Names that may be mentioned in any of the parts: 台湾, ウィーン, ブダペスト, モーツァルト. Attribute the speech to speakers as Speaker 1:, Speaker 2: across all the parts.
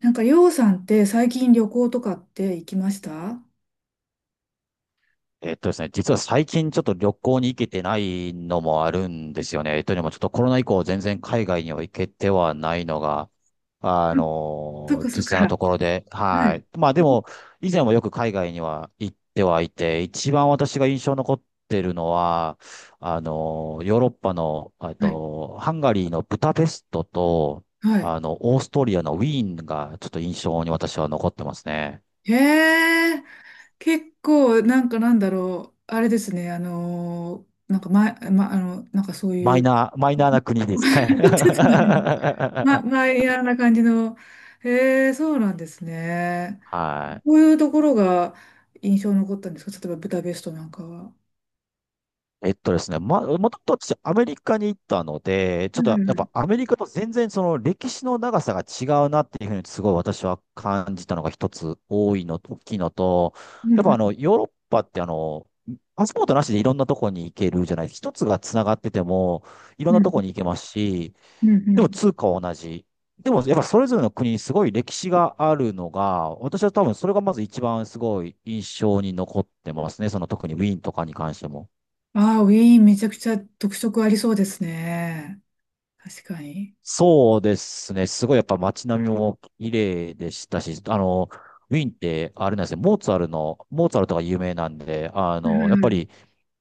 Speaker 1: なんか、りょうさんって最近旅行とかって行きました？
Speaker 2: えっとですね、実は最近ちょっと旅行に行けてないのもあるんですよね。というのもちょっとコロナ以降全然海外には行けてはないのが、
Speaker 1: うん。そっかそ
Speaker 2: 実
Speaker 1: っか。
Speaker 2: 際の
Speaker 1: は
Speaker 2: ところで、は
Speaker 1: い。
Speaker 2: い。まあでも、以前もよく海外には行ってはいて、一番私が印象残ってるのは、ヨーロッパの、
Speaker 1: はい。
Speaker 2: ハンガリーのブダペストと、
Speaker 1: はい。
Speaker 2: オーストリアのウィーンがちょっと印象に私は残ってますね。
Speaker 1: へえ、結構、なんかなんだろう。あれですね、なんか前、ま、あの、なんかそうい
Speaker 2: マイ
Speaker 1: う、ち
Speaker 2: ナー、マイナーな国
Speaker 1: ょ
Speaker 2: で
Speaker 1: っ
Speaker 2: すかね。
Speaker 1: と待って。マイヤーな感じの。へえ、そうなんですね。
Speaker 2: は
Speaker 1: こう
Speaker 2: い。
Speaker 1: いうところが印象に残ったんですか？例えば、ブダペストなんかは。
Speaker 2: えっとですね、ま、もともと私アメリカに行ったので、ちょ
Speaker 1: う
Speaker 2: っとやっ
Speaker 1: ん。
Speaker 2: ぱアメリカと全然その歴史の長さが違うなっていうふうにすごい私は感じたのが一つ多いの、大きいのと、
Speaker 1: うん
Speaker 2: やっぱ
Speaker 1: うん
Speaker 2: ヨーロッパってパスポートなしでいろんなとこに行けるじゃない、一つがつながっててもいろ
Speaker 1: う
Speaker 2: ん
Speaker 1: んう
Speaker 2: なとこ
Speaker 1: ん
Speaker 2: に行けますし、
Speaker 1: うんう
Speaker 2: で
Speaker 1: ん。
Speaker 2: も通貨は同じ。でもやっぱそれぞれの国にすごい歴史があるのが、私は多分それがまず一番すごい印象に残ってますね。その特にウィーンとかに関しても。
Speaker 1: ああ、ウィーンめちゃくちゃ特色ありそうですね。確かに。
Speaker 2: そうですね。すごいやっぱ街並みも綺麗でしたし、ウィーンってあれなんですね、モーツァルトが有名なんで、
Speaker 1: う
Speaker 2: やっ
Speaker 1: んう
Speaker 2: ぱ
Speaker 1: ん。
Speaker 2: り、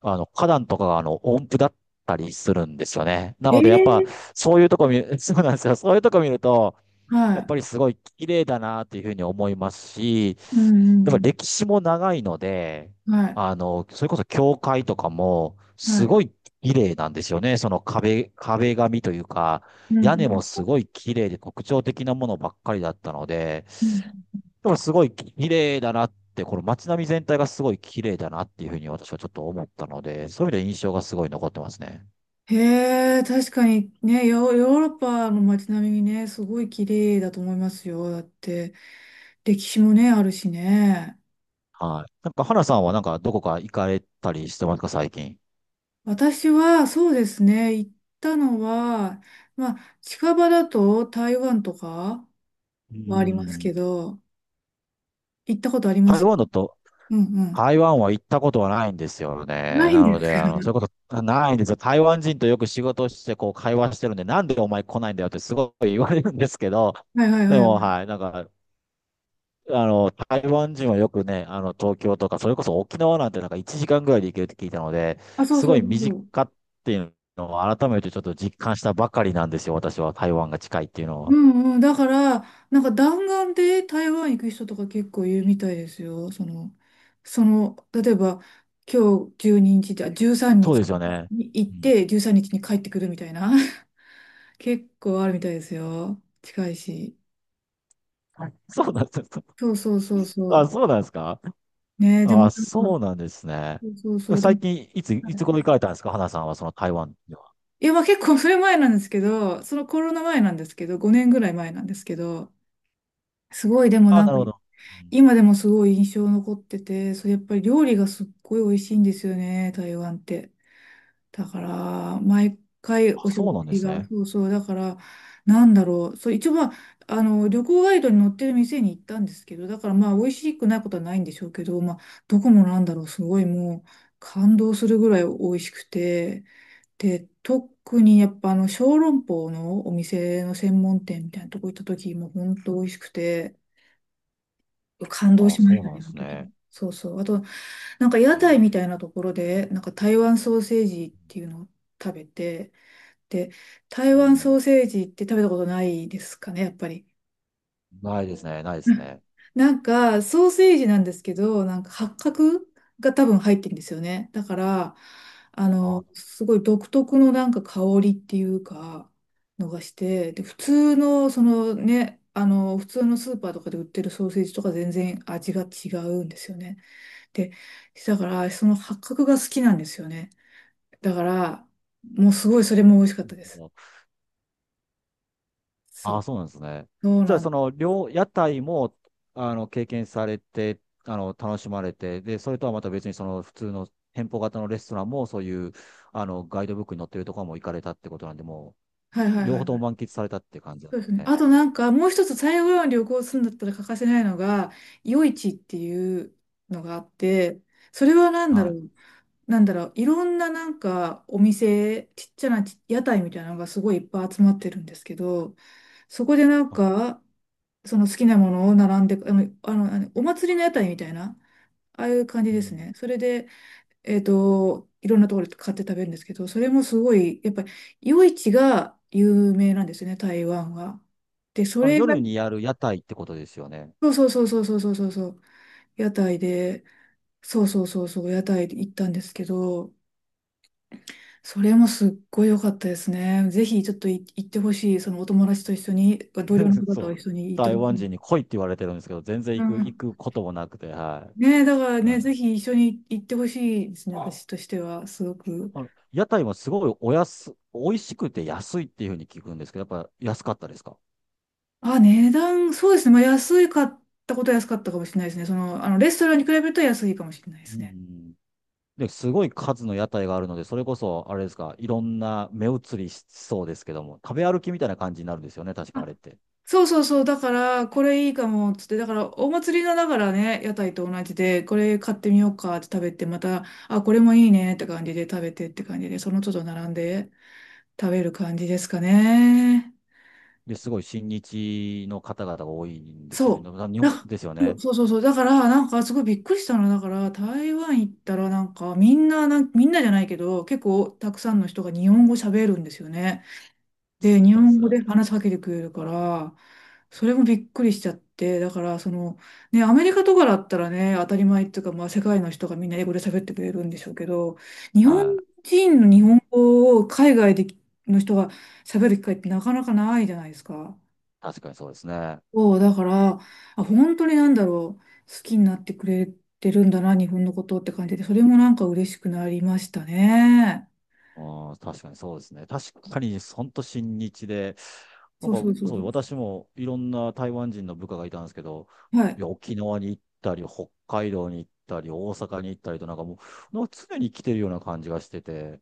Speaker 2: 花壇とかが音符だったりするんですよね。な
Speaker 1: え
Speaker 2: のでやっぱ、
Speaker 1: え。
Speaker 2: そういうとこ見る、そうなんですよ。そういうとこ見ると、
Speaker 1: は
Speaker 2: やっ
Speaker 1: い。
Speaker 2: ぱりすごい綺麗だなっていうふうに思いますし、
Speaker 1: う
Speaker 2: やっぱ
Speaker 1: ん
Speaker 2: 歴史も長いので、
Speaker 1: うん。はい。
Speaker 2: それこそ教会とかも
Speaker 1: は
Speaker 2: す
Speaker 1: い。
Speaker 2: ごい綺麗なんですよね。その壁紙というか、
Speaker 1: うん
Speaker 2: 屋根も
Speaker 1: うん。
Speaker 2: すごい綺麗で特徴的なものばっかりだったので、
Speaker 1: うん。
Speaker 2: でもすごい綺麗だなって、この街並み全体がすごい綺麗だなっていうふうに私はちょっと思ったので、そういう意味で印象がすごい残ってますね。
Speaker 1: へえ、確かにね、ヨーロッパの街並みね、すごい綺麗だと思いますよ。だって、歴史もね、あるしね。
Speaker 2: はい。なんか、花さんはなんかどこか行かれたりしてますか、最近。
Speaker 1: 私は、そうですね、行ったのは、まあ、近場だと台湾とか
Speaker 2: うー
Speaker 1: はあります
Speaker 2: ん。
Speaker 1: けど、行ったことありま
Speaker 2: 台
Speaker 1: す。
Speaker 2: 湾だと、
Speaker 1: うんうん。
Speaker 2: 台湾は行ったことはないんですよ
Speaker 1: な
Speaker 2: ね。
Speaker 1: いん
Speaker 2: な
Speaker 1: で
Speaker 2: の
Speaker 1: すか？
Speaker 2: で、そういうことないんですよ。台湾人とよく仕事をして、こう、会話してるんで、なんでお前来ないんだよってすごい言われるんですけど、
Speaker 1: はいはい
Speaker 2: で
Speaker 1: は
Speaker 2: も、
Speaker 1: い。
Speaker 2: はい、なんか、台湾人はよくね、東京とか、それこそ沖縄なんてなんか1時間ぐらいで行けるって聞いたので、
Speaker 1: あ、そう
Speaker 2: す
Speaker 1: そ
Speaker 2: ご
Speaker 1: う
Speaker 2: い
Speaker 1: そう
Speaker 2: 身
Speaker 1: そう。
Speaker 2: 近っていうのを改めてちょっと実感したばかりなんですよ。私は台湾が近いっていうの
Speaker 1: う
Speaker 2: は。
Speaker 1: んうん。だから、なんか弾丸で台湾行く人とか結構いるみたいですよ。例えば、今日12日じゃ、13
Speaker 2: そう
Speaker 1: 日
Speaker 2: ですよ
Speaker 1: にち
Speaker 2: ね。
Speaker 1: に行っ
Speaker 2: うん。
Speaker 1: て、13日にちに帰ってくるみたいな。結構あるみたいですよ。近いし。
Speaker 2: そうなんです。
Speaker 1: そうそうそうそ
Speaker 2: あ、
Speaker 1: う。
Speaker 2: そうなんですか？
Speaker 1: ねえ、で
Speaker 2: あ
Speaker 1: も
Speaker 2: あ、
Speaker 1: なん
Speaker 2: そ
Speaker 1: か、
Speaker 2: うなんですね。
Speaker 1: そうそうそう。で
Speaker 2: 最
Speaker 1: も、
Speaker 2: 近、
Speaker 1: は
Speaker 2: いつ
Speaker 1: い。
Speaker 2: 頃行かれたんですか、花さんは、その台湾では。
Speaker 1: いや、まあ結構それ前なんですけど、そのコロナ前なんですけど、5年ぐらい前なんですけど、すごいでも
Speaker 2: ああ、
Speaker 1: なん
Speaker 2: な
Speaker 1: か、
Speaker 2: るほど。うん。
Speaker 1: 今でもすごい印象残ってて、それやっぱり料理がすっごい美味しいんですよね、台湾って。だから、毎回
Speaker 2: あ、
Speaker 1: お
Speaker 2: そう
Speaker 1: 食
Speaker 2: なんで
Speaker 1: 事
Speaker 2: す
Speaker 1: が、
Speaker 2: ね。
Speaker 1: そうそう、だから、なんだろう、そう、一応まあ、あの、旅行ガイドに載ってる店に行ったんですけど、だからまあ、美味しくないことはないんでしょうけど、まあ、どこもなんだろう、すごいもう、感動するぐらい美味しくて、で、特にやっぱあの、小籠包のお店の専門店みたいなとこ行った時も、本当美味しくて、感動
Speaker 2: ああ、
Speaker 1: しま
Speaker 2: そ
Speaker 1: し
Speaker 2: う
Speaker 1: た
Speaker 2: なん
Speaker 1: ね、
Speaker 2: で
Speaker 1: あの
Speaker 2: す
Speaker 1: 時。
Speaker 2: ね。
Speaker 1: そうそう。あと、なんか屋
Speaker 2: へ
Speaker 1: 台
Speaker 2: え。
Speaker 1: みたいなところで、なんか台湾ソーセージっていうのを食べて、で、台
Speaker 2: う
Speaker 1: 湾ソー
Speaker 2: ん、
Speaker 1: セージって食べたことないですかね、やっぱり。
Speaker 2: ないで
Speaker 1: う
Speaker 2: す
Speaker 1: ん。
Speaker 2: ね。
Speaker 1: なんか、ソーセージなんですけど、なんか八角が多分入ってるんですよね。だから、あ
Speaker 2: ああ、
Speaker 1: の、
Speaker 2: な
Speaker 1: すごい独特のなんか香りっていうか、のがして、で、普通の、そのね、あの、普通のスーパーとかで売ってるソーセージとか全然味が違うんですよね。で、だから、その八角が好きなんですよね。だから、もうすごいそれも美味しかっ
Speaker 2: る
Speaker 1: たです。
Speaker 2: ほど。あ
Speaker 1: そ
Speaker 2: あ
Speaker 1: う。
Speaker 2: そうなんですね。
Speaker 1: そう
Speaker 2: じゃ
Speaker 1: な
Speaker 2: あ、
Speaker 1: ん。
Speaker 2: 屋台も、経験されて、楽しまれて、で、それとはまた別に、その、普通の店舗型のレストランも、そういう、ガイドブックに載ってるところも行かれたってことなんで、も
Speaker 1: はいは
Speaker 2: う、
Speaker 1: いは
Speaker 2: 両
Speaker 1: い
Speaker 2: 方と
Speaker 1: は
Speaker 2: も
Speaker 1: い。
Speaker 2: 満喫されたって感じなん
Speaker 1: そう
Speaker 2: で
Speaker 1: ですね。
Speaker 2: すね。
Speaker 1: あとなんか、もう一つ台湾旅行するんだったら欠かせないのが、夜市っていうのがあって、それはなんだ
Speaker 2: は
Speaker 1: ろ
Speaker 2: い。
Speaker 1: う。なんだろう。いろんななんかお店、ちっちゃな屋台みたいなのがすごいいっぱい集まってるんですけど、そこでなん
Speaker 2: はい。
Speaker 1: か、その好きなものを並んで、お祭りの屋台みたいな、ああいう感じ
Speaker 2: う
Speaker 1: です
Speaker 2: ん。
Speaker 1: ね。それで、えっと、いろんなところで買って食べるんですけど、それもすごい、やっぱり、夜市が有名なんですよね、台湾は。で、そ
Speaker 2: あの、
Speaker 1: れが、
Speaker 2: 夜にやる屋台ってことですよね。
Speaker 1: そうそうそうそうそうそうそうそう、屋台で、そうそうそうそう、屋台で行ったんですけど、それもすっごい良かったですね。ぜひ、ちょっと行ってほしい、そのお友達と一緒に、同僚の 方
Speaker 2: そ
Speaker 1: と
Speaker 2: う。
Speaker 1: 一緒に行ってほ
Speaker 2: 台
Speaker 1: し
Speaker 2: 湾人
Speaker 1: い。
Speaker 2: に来いって言われてるんですけど、全然
Speaker 1: う
Speaker 2: 行く、行
Speaker 1: ん。
Speaker 2: くこともなくて、は
Speaker 1: ねえ、だから
Speaker 2: い。な
Speaker 1: ね、
Speaker 2: んで。
Speaker 1: ぜひ一緒に行ってほしいですね、私としては、すごく。
Speaker 2: 屋台もすごい美味しくて安いっていうふうに聞くんですけど、やっぱ安かったですか？
Speaker 1: あ、値段、そうですね。まあ、安いかったことは安かったかもしれないですね。その、あの、レストランに比べると安いかもしれないで
Speaker 2: う
Speaker 1: すね。
Speaker 2: ん。で、すごい数の屋台があるので、それこそ、あれですか、いろんな目移りしそうですけども、食べ歩きみたいな感じになるんですよね、確かあれ
Speaker 1: あ、
Speaker 2: って。
Speaker 1: そうそうそう。だから、これいいかも、つって。だから、お祭りのだからね、屋台と同じで、これ買ってみようかって食べて、また、あ、これもいいねって感じで食べてって感じで、その都度並んで食べる感じですかね。
Speaker 2: で、すごい親日の方々が多いんですよね。
Speaker 1: そ
Speaker 2: 日
Speaker 1: う。なん
Speaker 2: 本
Speaker 1: か
Speaker 2: ですよ
Speaker 1: そう
Speaker 2: ね。
Speaker 1: そうそうそう。だから、なんかすごいびっくりしたの。だから、台湾行ったら、なんかみんな、みんなじゃないけど、結構たくさんの人が日本語喋るんですよね。
Speaker 2: そ
Speaker 1: で、日
Speaker 2: うで
Speaker 1: 本
Speaker 2: す。
Speaker 1: 語で話しかけてくれるから、それもびっくりしちゃって、だから、その、ね、アメリカとかだったらね、当たり前っていうか、まあ、世界の人がみんな英語で喋ってくれるんでしょうけど、日本
Speaker 2: は
Speaker 1: 人の
Speaker 2: い。う
Speaker 1: 日
Speaker 2: ん、
Speaker 1: 本語を海外での人が喋る機会ってなかなかないじゃないですか。
Speaker 2: 確かにそうですね。
Speaker 1: そう、だから、あ、本当になんだろう、好きになってくれてるんだな、日本のことって感じで、それもなんか嬉しくなりましたね。
Speaker 2: ああ、確かにそうですね。確かに、ほんと親日で、な
Speaker 1: そ
Speaker 2: ん
Speaker 1: う
Speaker 2: か、
Speaker 1: そうそう
Speaker 2: そ
Speaker 1: そ
Speaker 2: う、
Speaker 1: う。
Speaker 2: 私もいろんな台湾人の部下がいたんですけど、
Speaker 1: は
Speaker 2: い
Speaker 1: い。
Speaker 2: や、沖縄に行ったり、北海道に行ったり、大阪に行ったりと、なんかもう、なんか常に来てるような感じがしてて、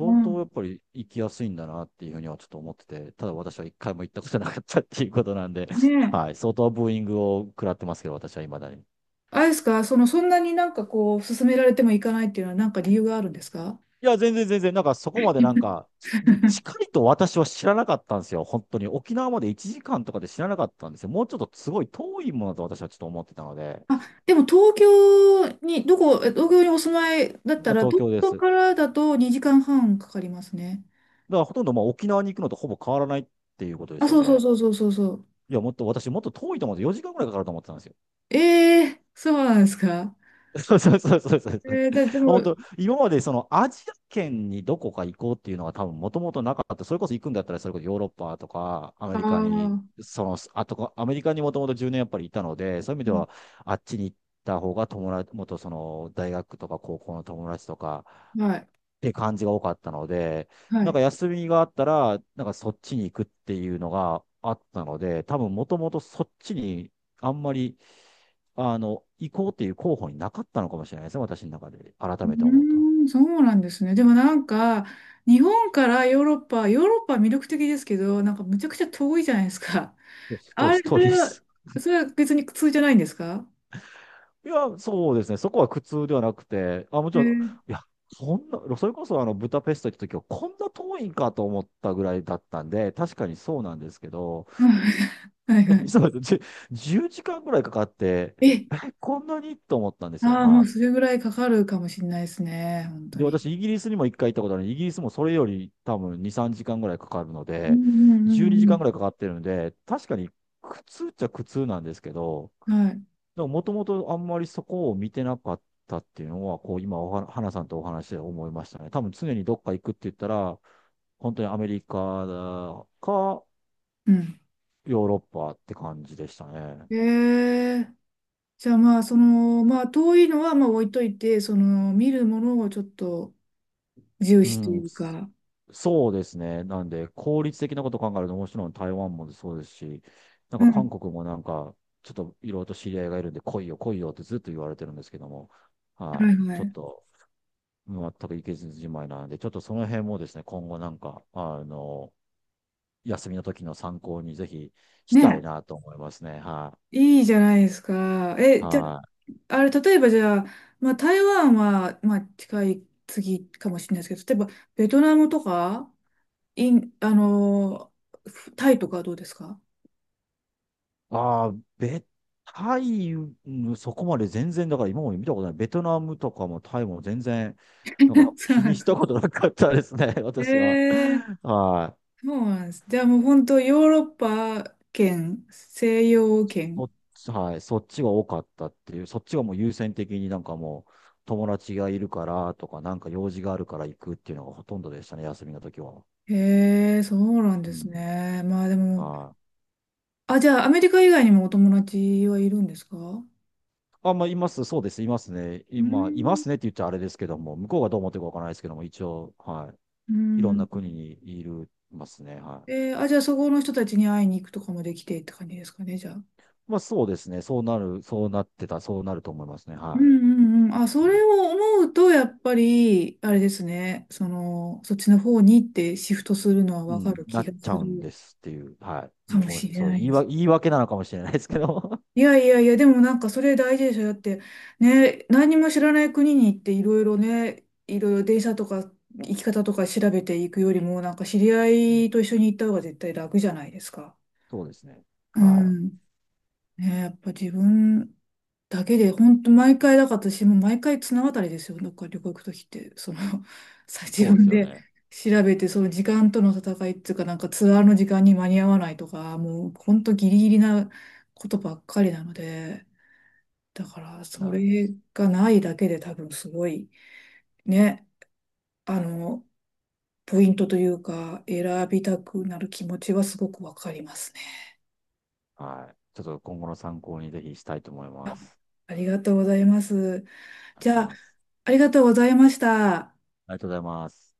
Speaker 1: う
Speaker 2: 当
Speaker 1: ん。
Speaker 2: やっぱり行きやすいんだなっていうふうにはちょっと思ってて、ただ私は一回も行ったことなかったっていうことなんで、
Speaker 1: ねえ。
Speaker 2: はい、相当ブーイングを食らってますけど、私は未だに。
Speaker 1: あれですか、その、そんなになんかこう、勧められても行かないっていうのは、なんか理由があるんですか？
Speaker 2: いや、全然全然、なんかそこまでなんか、近いと私は知らなかったんですよ。本当に。沖縄まで1時間とかで知らなかったんですよ。もうちょっとすごい遠いものだと私はちょっと思ってたので、
Speaker 1: あ、でも東京に、どこ、え東京にお住まいだった
Speaker 2: 今
Speaker 1: ら、
Speaker 2: 東
Speaker 1: 東
Speaker 2: 京で
Speaker 1: 京
Speaker 2: す。だ
Speaker 1: からだと2時間半かかりますね。
Speaker 2: からほとんどまあ沖縄に行くのとほぼ変わらないっていうことで
Speaker 1: あ、
Speaker 2: すよ
Speaker 1: そうそう
Speaker 2: ね。
Speaker 1: そうそうそうそう。
Speaker 2: いや、もっと私もっと遠いと思って、4時間ぐらいかかると思ってたんですよ。
Speaker 1: ええ、そうなんですか。
Speaker 2: そうそうそうそうそう。
Speaker 1: でも、
Speaker 2: 本当、今までそのアジア圏にどこか行こうっていうのは多分もともとなかった。それこそ行くんだったら、それこそヨーロッパとかアメ
Speaker 1: あ
Speaker 2: リカに、
Speaker 1: あ、
Speaker 2: その、あとこ、アメリカにもともと10年やっぱりいたので、そういう意味
Speaker 1: う
Speaker 2: で
Speaker 1: ん、
Speaker 2: はあっちに行った方が元その大学とか高校の友達とか、
Speaker 1: はい、
Speaker 2: って感じが多かったので、
Speaker 1: は
Speaker 2: なん
Speaker 1: い。
Speaker 2: か休みがあったら、なんかそっちに行くっていうのがあったので、多分もともとそっちにあんまり、行こうっていう候補になかったのかもしれないですね、私の中で。
Speaker 1: う
Speaker 2: 改めて思うと。
Speaker 1: ーん、そうなんですね。でもなんか、日本からヨーロッパは魅力的ですけど、なんかむちゃくちゃ遠いじゃないですか。
Speaker 2: そ
Speaker 1: あ
Speaker 2: う
Speaker 1: れ、そ
Speaker 2: そうで
Speaker 1: れは、
Speaker 2: す。
Speaker 1: それは別に苦痛じゃないんですか？
Speaker 2: いや、そうですね。そこは苦痛ではなくて、あ、もち
Speaker 1: え
Speaker 2: ろん、
Speaker 1: ー、
Speaker 2: いや、そんな、それこそあの、ブダペスト行った時は、こんな遠いんかと思ったぐらいだったんで、確かにそうなんですけど、
Speaker 1: うん。 はいは
Speaker 2: そうです。10時間ぐらいかかって、
Speaker 1: い。え、
Speaker 2: え、こんなにと思ったんですよ。
Speaker 1: ああ、もう
Speaker 2: は
Speaker 1: それぐらいかかるかもしれないですね、本
Speaker 2: い。
Speaker 1: 当
Speaker 2: で、
Speaker 1: に。
Speaker 2: 私、イギリスにも一回行ったことあるのでイギリスもそれより多分2、3時間ぐらいかかるの
Speaker 1: う
Speaker 2: で、
Speaker 1: んう
Speaker 2: 12時
Speaker 1: んう
Speaker 2: 間
Speaker 1: ん
Speaker 2: ぐらいかかってるので、確かに苦痛っちゃ苦痛なんですけど、
Speaker 1: うん。はい。
Speaker 2: でももともとあんまりそこを見てなかったっていうのは、こう、今おは、花さんとお話で思いましたね。多分常にどっか行くって言ったら、本当にアメリカか、
Speaker 1: うん。
Speaker 2: ヨーロッパって感じでしたね。
Speaker 1: えー、じゃあまあ、その、まあ、遠いのはまあ置いといて、その、見るものをちょっと、重
Speaker 2: う
Speaker 1: 視とい
Speaker 2: ん、
Speaker 1: うか。
Speaker 2: そうですね。なんで、効率的なこと考えると、もちろん台湾もそうですし、なん
Speaker 1: う
Speaker 2: か韓
Speaker 1: ん。
Speaker 2: 国もなんか、ちょっといろいろと知り合いがいるんで、来いよってずっと言われてるんですけども、
Speaker 1: は
Speaker 2: は
Speaker 1: い
Speaker 2: い、
Speaker 1: は
Speaker 2: ちょっ
Speaker 1: い。
Speaker 2: と、全く行けずじまいなので、ちょっとその辺もですね、今後なんか、休みの時の参考にぜひしたい
Speaker 1: ね、
Speaker 2: なと思いますね。は
Speaker 1: いいじゃないですか。え、
Speaker 2: い。
Speaker 1: じゃ
Speaker 2: はい。
Speaker 1: あ、あれ、例えばじゃあ、まあ、台湾は、まあ、近い次かもしれないですけど、例えば、ベトナムとか、イン、あのータイとかはどうですか？
Speaker 2: ああ、ベ、タイム、うんそこまで全然、だから今まで見たことない。ベトナムとかもタイも全然、なんか
Speaker 1: そう
Speaker 2: 気
Speaker 1: なん
Speaker 2: に
Speaker 1: で
Speaker 2: し
Speaker 1: すか。
Speaker 2: たことなかったですね、
Speaker 1: え
Speaker 2: 私は。
Speaker 1: え。
Speaker 2: はい。
Speaker 1: そうなんです。じゃあもう本当、ヨーロッパ圏、西洋圏。
Speaker 2: はい。そっちが多かったっていう、そっちがもう優先的になんかもう、友達がいるからとか、なんか用事があるから行くっていうのがほとんどでしたね、休みの時は。
Speaker 1: へえ、そうなん
Speaker 2: う
Speaker 1: です
Speaker 2: ん。
Speaker 1: ね。まあでも、
Speaker 2: はい。
Speaker 1: あ、じゃあ、アメリカ以外にもお友達はいるんですか？
Speaker 2: あ、まあ、います。そうです。いますね。
Speaker 1: うー
Speaker 2: 今、いま
Speaker 1: ん。
Speaker 2: すねって言っちゃあれですけども、向こうがどう思ってるかわからないですけども、一応、はい。
Speaker 1: う
Speaker 2: いろん
Speaker 1: ん。
Speaker 2: な国にいるますね。はい。
Speaker 1: あ、じゃあそこの人たちに会いに行くとかもできてって感じですかね、じゃあ。
Speaker 2: まあそうですね。そうなる、そうなってた、そうなると思いますね。
Speaker 1: う
Speaker 2: は
Speaker 1: んうんうん。あ、それを思うと、やっぱり、あれですね、その、そっちの方にってシフトするのは
Speaker 2: い。う
Speaker 1: わか
Speaker 2: ん、
Speaker 1: る
Speaker 2: な
Speaker 1: 気
Speaker 2: っ
Speaker 1: が
Speaker 2: ちゃ
Speaker 1: す
Speaker 2: うんで
Speaker 1: る
Speaker 2: すっていう。はい。
Speaker 1: か
Speaker 2: もう
Speaker 1: も
Speaker 2: ごめんな
Speaker 1: し
Speaker 2: さい。
Speaker 1: れないです。
Speaker 2: 言い訳なのかもしれないですけど。
Speaker 1: いやいやいや、でもなんかそれ大事でしょ。だって、ね、何も知らない国に行っていろいろね、いろいろ電車とか行き方とか調べていくよりも、なんか知り
Speaker 2: う
Speaker 1: 合
Speaker 2: ん
Speaker 1: いと一緒に行った方が絶対楽じゃないですか。
Speaker 2: そうですね。
Speaker 1: う
Speaker 2: は
Speaker 1: ん。ね、やっぱ自分だけで、本当毎回だから私も毎回綱渡りですよ。なんか旅行行くときって、その、
Speaker 2: い。
Speaker 1: 自
Speaker 2: そうです
Speaker 1: 分
Speaker 2: よ
Speaker 1: で
Speaker 2: ね。
Speaker 1: 調べて、その時間との戦いっていうか、なんかツアーの時間に間に合わないとか、もう本当ギリギリなことばっかりなので、だからそ
Speaker 2: はい。
Speaker 1: れがないだけで多分すごい、ね、あの、ポイントというか、選びたくなる気持ちはすごくわかりますね。
Speaker 2: はい。ちょっと今後の参考にぜひしたいと思いま
Speaker 1: あ、
Speaker 2: す。
Speaker 1: ありがとうございます。
Speaker 2: あり
Speaker 1: じ
Speaker 2: がとう
Speaker 1: ゃ
Speaker 2: ご
Speaker 1: あ、
Speaker 2: ざいます。
Speaker 1: ありがとうございました。
Speaker 2: ありがとうございます。